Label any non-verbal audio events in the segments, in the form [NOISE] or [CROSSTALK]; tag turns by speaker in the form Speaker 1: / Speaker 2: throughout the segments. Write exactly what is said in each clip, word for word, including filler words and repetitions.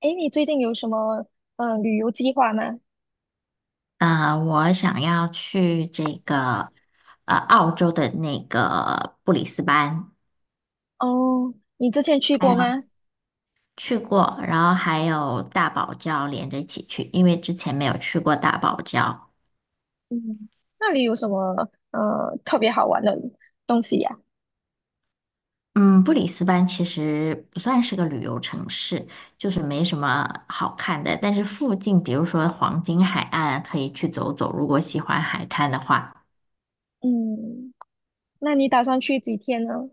Speaker 1: 哎，你最近有什么嗯旅游计划吗？
Speaker 2: 呃，我想要去这个呃澳洲的那个布里斯班，
Speaker 1: 哦，你之前去
Speaker 2: 还
Speaker 1: 过
Speaker 2: 有
Speaker 1: 吗？
Speaker 2: 去过，然后还有大堡礁连着一起去，因为之前没有去过大堡礁。
Speaker 1: 嗯，那里有什么呃特别好玩的东西呀？
Speaker 2: 嗯，布里斯班其实不算是个旅游城市，就是没什么好看的，但是附近比如说黄金海岸可以去走走，如果喜欢海滩的话。
Speaker 1: 嗯，那你打算去几天呢？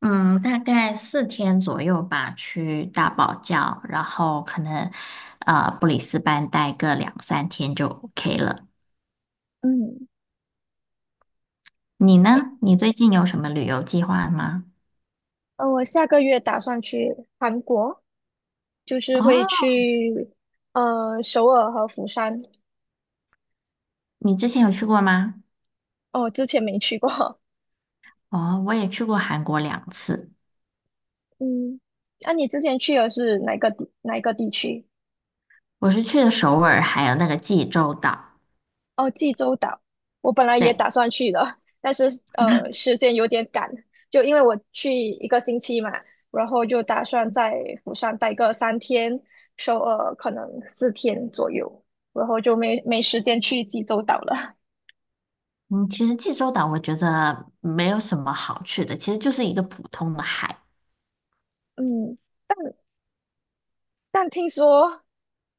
Speaker 2: 嗯，大概四天左右吧，去大堡礁，然后可能呃布里斯班待个两三天就 OK 了。
Speaker 1: 嗯，
Speaker 2: 你
Speaker 1: 诶，
Speaker 2: 呢？你最近有什么旅游计划吗？
Speaker 1: 呃，我下个月打算去韩国。就是会
Speaker 2: 哦，
Speaker 1: 去呃首尔和釜山。
Speaker 2: 你之前有去过吗？
Speaker 1: 哦，之前没去过。
Speaker 2: 哦，我也去过韩国两次，
Speaker 1: [LAUGHS] 嗯，那，你之前去的是哪个地哪个地区？
Speaker 2: 我是去的首尔，还有那个济州岛。
Speaker 1: 哦，济州岛。我本来也
Speaker 2: 对，
Speaker 1: 打算去的，但是呃时间有点赶，就因为我去一个星期嘛，然后就打算在釜山待个三天，首尔可能四天左右，然后就没没时间去济州岛了。
Speaker 2: 嗯，其实济州岛我觉得没有什么好去的，其实就是一个普通的海。
Speaker 1: [LAUGHS] 嗯。但听说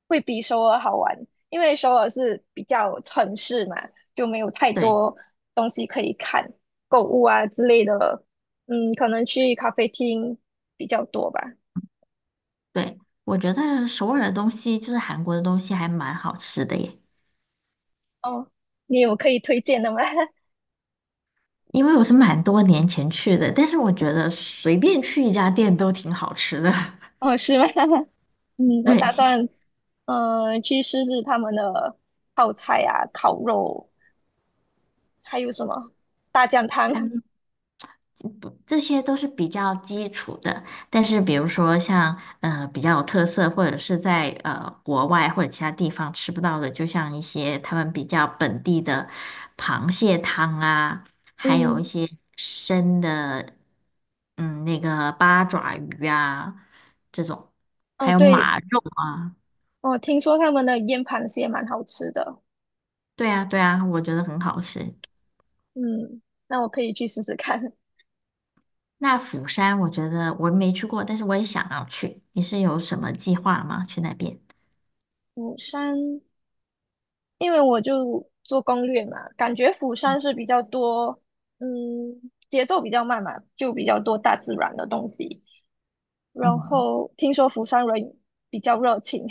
Speaker 1: 会比首尔好玩，因为首尔是比较城市嘛，就没有太
Speaker 2: 对
Speaker 1: 多东西可以看，购物啊之类的，嗯，可能去咖啡厅比较多吧。
Speaker 2: 对，我觉得首尔的东西就是韩国的东西还蛮好吃的耶。
Speaker 1: 哦，你有可以推荐的吗？[LAUGHS]
Speaker 2: 因为我是蛮多年前去的，但是我觉得随便去一家店都挺好吃的。[LAUGHS]
Speaker 1: 哦，是吗？[LAUGHS] 嗯，我打
Speaker 2: 对，
Speaker 1: 算嗯去试试他们的泡菜啊、烤肉，还有什么大酱
Speaker 2: 还
Speaker 1: 汤。[LAUGHS]
Speaker 2: 有不，这些都是比较基础的。但是比如说像呃比较有特色，或者是在呃国外或者其他地方吃不到的，就像一些他们比较本地的螃蟹汤啊，还有一
Speaker 1: 嗯，
Speaker 2: 些生的嗯那个八爪鱼啊这种，
Speaker 1: 哦，
Speaker 2: 还有
Speaker 1: 对，
Speaker 2: 马肉。
Speaker 1: 我听说他们的腌螃蟹蛮好吃的。
Speaker 2: 对啊，对啊，我觉得很好吃。
Speaker 1: 嗯，那我可以去试试看
Speaker 2: 那釜山，我觉得我没去过，但是我也想要去。你是有什么计划吗？去那边？
Speaker 1: 釜山，因为我就做攻略嘛，感觉釜山是比较多，嗯，节奏比较慢嘛，就比较多大自然的东西。然
Speaker 2: 嗯，
Speaker 1: 后听说釜山人比较热情。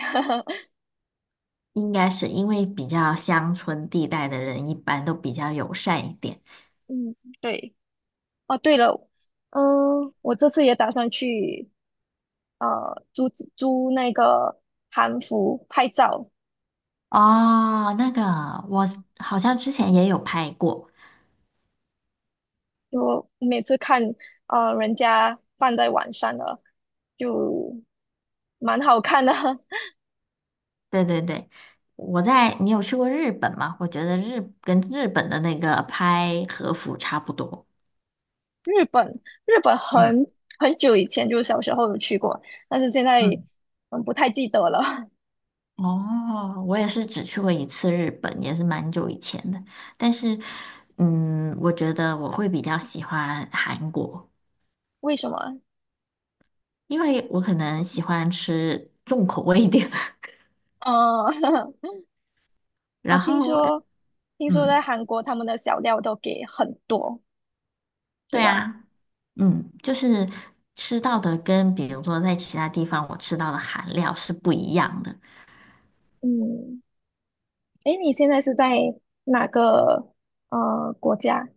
Speaker 2: 应该是因为比较乡村地带的人一般都比较友善一点。
Speaker 1: [LAUGHS] 嗯，对。哦，对了，嗯，我这次也打算去呃租租那个韩服拍照，
Speaker 2: 哦，那个我好像之前也有拍过，
Speaker 1: 就每次看呃人家放在晚上的，就蛮好看的。[LAUGHS]
Speaker 2: 对对对，我在，你有去过日本吗？我觉得日跟日本的那个拍和服差不多。
Speaker 1: 日本日本
Speaker 2: 嗯
Speaker 1: 很很久以前就是小时候有去过，但是现在
Speaker 2: 嗯。
Speaker 1: 嗯不太记得了。[LAUGHS]
Speaker 2: 哦，我也是只去过一次日本，也是蛮久以前的。但是，嗯，我觉得我会比较喜欢韩国，
Speaker 1: 为什么？
Speaker 2: 因为我可能喜欢吃重口味一点的。[LAUGHS]
Speaker 1: 呃，[LAUGHS] 我
Speaker 2: 然
Speaker 1: 听
Speaker 2: 后日
Speaker 1: 说听说在
Speaker 2: 嗯，
Speaker 1: 韩国他们的小料都给很多，对
Speaker 2: 对
Speaker 1: 吧？
Speaker 2: 啊，嗯，就是吃到的跟比如说在其他地方我吃到的韩料是不一样的。
Speaker 1: 嗯，诶，你现在是在哪个呃国家？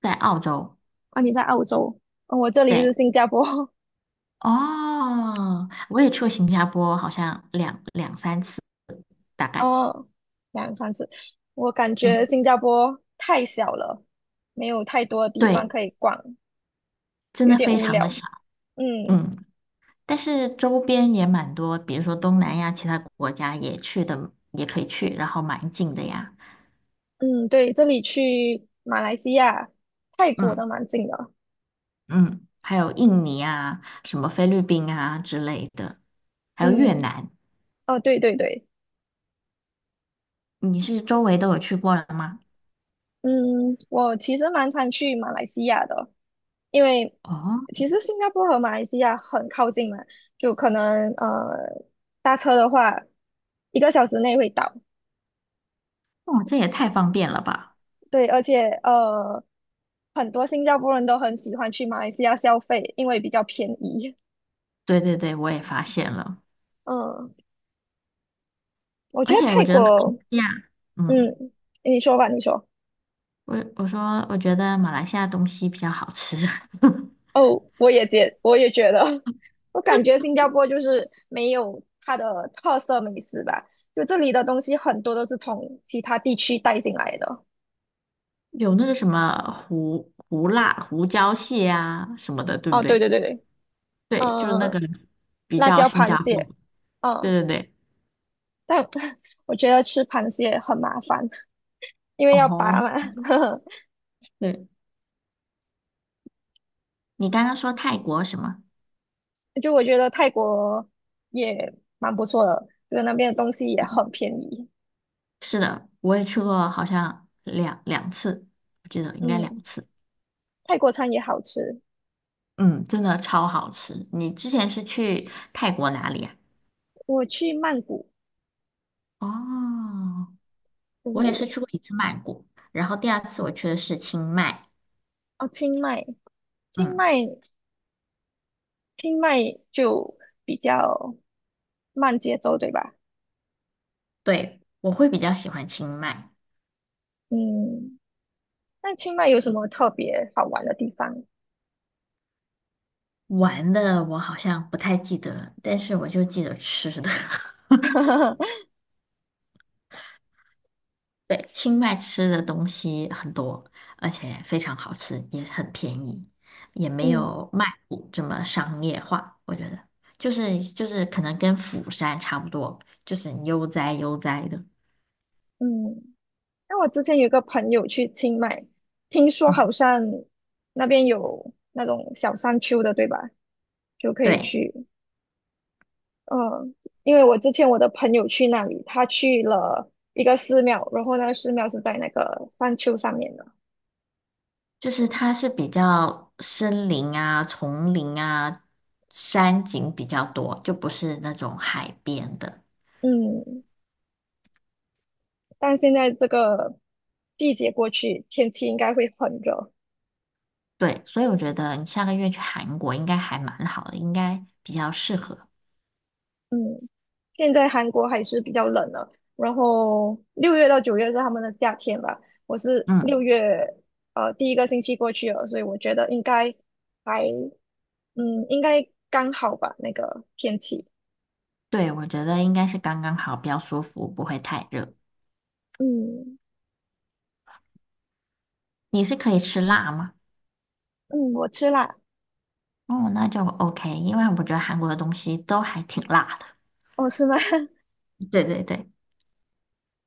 Speaker 2: 在澳洲，
Speaker 1: 啊，你在澳洲，哦，我这里是
Speaker 2: 对，
Speaker 1: 新加坡。
Speaker 2: 哦，我也去过新加坡，好像两两三次大概。
Speaker 1: 哦，两三次，我感觉
Speaker 2: 嗯，
Speaker 1: 新加坡太小了，没有太多的地方
Speaker 2: 对，
Speaker 1: 可以逛，
Speaker 2: 真
Speaker 1: 有
Speaker 2: 的
Speaker 1: 点
Speaker 2: 非
Speaker 1: 无
Speaker 2: 常
Speaker 1: 聊。
Speaker 2: 的小。
Speaker 1: 嗯
Speaker 2: 嗯。但是周边也蛮多，比如说东南亚其他国家也去的，也可以去，然后蛮近的呀。
Speaker 1: 嗯，对，这里去马来西亚、泰国
Speaker 2: 嗯
Speaker 1: 都蛮近的。
Speaker 2: 嗯，还有印尼啊，什么菲律宾啊之类的，还有越
Speaker 1: 嗯，
Speaker 2: 南。
Speaker 1: 哦，对对对，
Speaker 2: 你是周围都有去过了吗？
Speaker 1: 嗯，我其实蛮常去马来西亚的，因为
Speaker 2: 哦，
Speaker 1: 其实新加坡和马来西亚很靠近嘛，就可能呃搭车的话，一个小时内会到。
Speaker 2: 哦，这也太方便了吧！
Speaker 1: 对，而且呃，很多新加坡人都很喜欢去马来西亚消费，因为比较便宜。
Speaker 2: 对对对，我也发现了，
Speaker 1: 嗯，我觉
Speaker 2: 而
Speaker 1: 得
Speaker 2: 且我
Speaker 1: 泰
Speaker 2: 觉得马来
Speaker 1: 国，
Speaker 2: 西亚，嗯，
Speaker 1: 嗯，你说吧，你说。
Speaker 2: 我我说我觉得马来西亚东西比较好吃，
Speaker 1: 哦，我也觉，我也觉得。[LAUGHS] 我感觉新加坡就是没有它的特色美食吧，就这里的东西很多都是从其他地区带进来的。
Speaker 2: [LAUGHS] 有那个什么胡胡辣胡椒蟹啊什么的，对不
Speaker 1: 哦，对
Speaker 2: 对？
Speaker 1: 对对对，
Speaker 2: 对，就是那个
Speaker 1: 嗯，
Speaker 2: 比
Speaker 1: 辣
Speaker 2: 较
Speaker 1: 椒
Speaker 2: 新
Speaker 1: 螃
Speaker 2: 加坡。
Speaker 1: 蟹。
Speaker 2: 对
Speaker 1: 嗯，
Speaker 2: 对对，
Speaker 1: 但 [LAUGHS] 我觉得吃螃蟹很麻烦，因为要拔
Speaker 2: 哦，
Speaker 1: 嘛。[LAUGHS]
Speaker 2: 对，你刚刚说泰国什么？
Speaker 1: 就我觉得泰国也蛮不错的，就是那边的东西也
Speaker 2: 嗯
Speaker 1: 很便宜。
Speaker 2: 是的，我也去过，好像两两次，我记得应该
Speaker 1: 嗯，
Speaker 2: 两次。
Speaker 1: 泰国餐也好吃。
Speaker 2: 嗯，真的超好吃。你之前是去泰国哪里呀？
Speaker 1: 我去曼谷，
Speaker 2: 哦，
Speaker 1: 就
Speaker 2: 我也是
Speaker 1: 是
Speaker 2: 去过一次曼谷，然后第二次我去的是清迈。
Speaker 1: 哦，清迈，清
Speaker 2: 嗯，
Speaker 1: 迈，清迈就比较慢节奏，对吧？
Speaker 2: 对，我会比较喜欢清迈。
Speaker 1: 嗯，那清迈有什么特别好玩的地方？
Speaker 2: 玩的我好像不太记得了，但是我就记得吃的。[LAUGHS]
Speaker 1: [LAUGHS]
Speaker 2: 对，清迈吃的东西很多，而且非常好吃，也很便宜，也没
Speaker 1: 嗯
Speaker 2: 有曼谷这么商业化。我觉得，就是就是可能跟釜山差不多，就是悠哉悠哉的。
Speaker 1: 嗯，那我之前有个朋友去清迈，听说好
Speaker 2: 嗯，
Speaker 1: 像那边有那种小山丘的，对吧？就可以
Speaker 2: 对，
Speaker 1: 去。嗯，因为我之前我的朋友去那里，他去了一个寺庙，然后那个寺庙是在那个山丘上面的。
Speaker 2: 就是它是比较森林啊、丛林啊、山景比较多，就不是那种海边的。
Speaker 1: 嗯，但现在这个季节过去，天气应该会很热。
Speaker 2: 对，所以我觉得你下个月去韩国应该还蛮好的，应该比较适合。
Speaker 1: 嗯，现在韩国还是比较冷的，然后六月到九月是他们的夏天吧。我是
Speaker 2: 嗯。
Speaker 1: 六月呃第一个星期过去了，所以我觉得应该还嗯应该刚好吧那个天气。
Speaker 2: 对，我觉得应该是刚刚好，比较舒服，不会太热。
Speaker 1: 嗯
Speaker 2: 你是可以吃辣吗？
Speaker 1: 嗯，我吃辣。
Speaker 2: 哦，那就 OK，因为我觉得韩国的东西都还挺辣的。
Speaker 1: 哦，是吗？[LAUGHS]
Speaker 2: 对对对，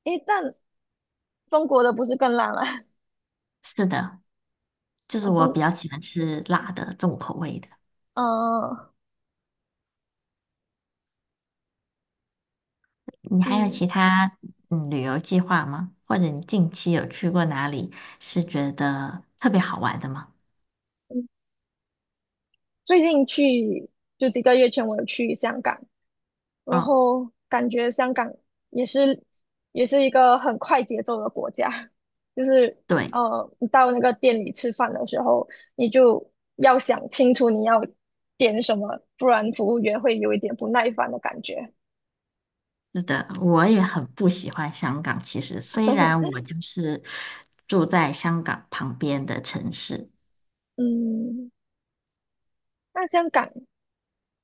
Speaker 1: 诶，但中国的不是更烂吗？[LAUGHS]
Speaker 2: 是的，就是
Speaker 1: 啊，
Speaker 2: 我
Speaker 1: 中，
Speaker 2: 比较喜欢吃辣的重口味的。
Speaker 1: 嗯、
Speaker 2: 你还有
Speaker 1: 嗯
Speaker 2: 其他嗯旅游计划吗？或者你近期有去过哪里是觉得特别好玩的吗？
Speaker 1: 嗯，最近去就几个月前我有去香港，然
Speaker 2: 哦，
Speaker 1: 后感觉香港也是也是一个很快节奏的国家，就是
Speaker 2: 对，
Speaker 1: 呃，你到那个店里吃饭的时候，你就要想清楚你要点什么，不然服务员会有一点不耐烦的感觉。
Speaker 2: 是的，我也很不喜欢香港。其实虽然我就是住在香港旁边的城市，
Speaker 1: 嗯，那香港。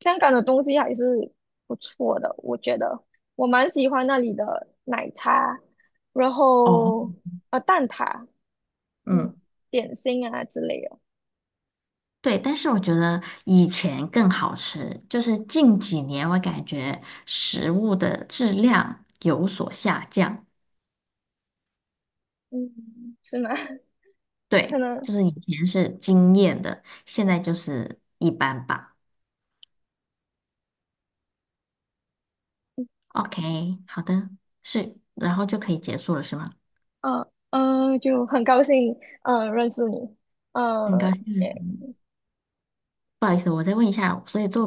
Speaker 1: 香港的东西还是不错的。我觉得我蛮喜欢那里的奶茶，然
Speaker 2: 哦，
Speaker 1: 后呃蛋挞，嗯，
Speaker 2: 嗯。
Speaker 1: 点心啊之类的。
Speaker 2: 对，但是我觉得以前更好吃，就是近几年我感觉食物的质量有所下降。
Speaker 1: 嗯，是吗？[LAUGHS] 可
Speaker 2: 对，
Speaker 1: 能，
Speaker 2: 就是以前是惊艳的，现在就是一般吧。OK，好的，是，然后就可以结束了，是吗？
Speaker 1: 呃嗯就很高兴，呃，认识你，
Speaker 2: 很高
Speaker 1: 呃，
Speaker 2: 兴认识你，不好意思，我再问一下，所以做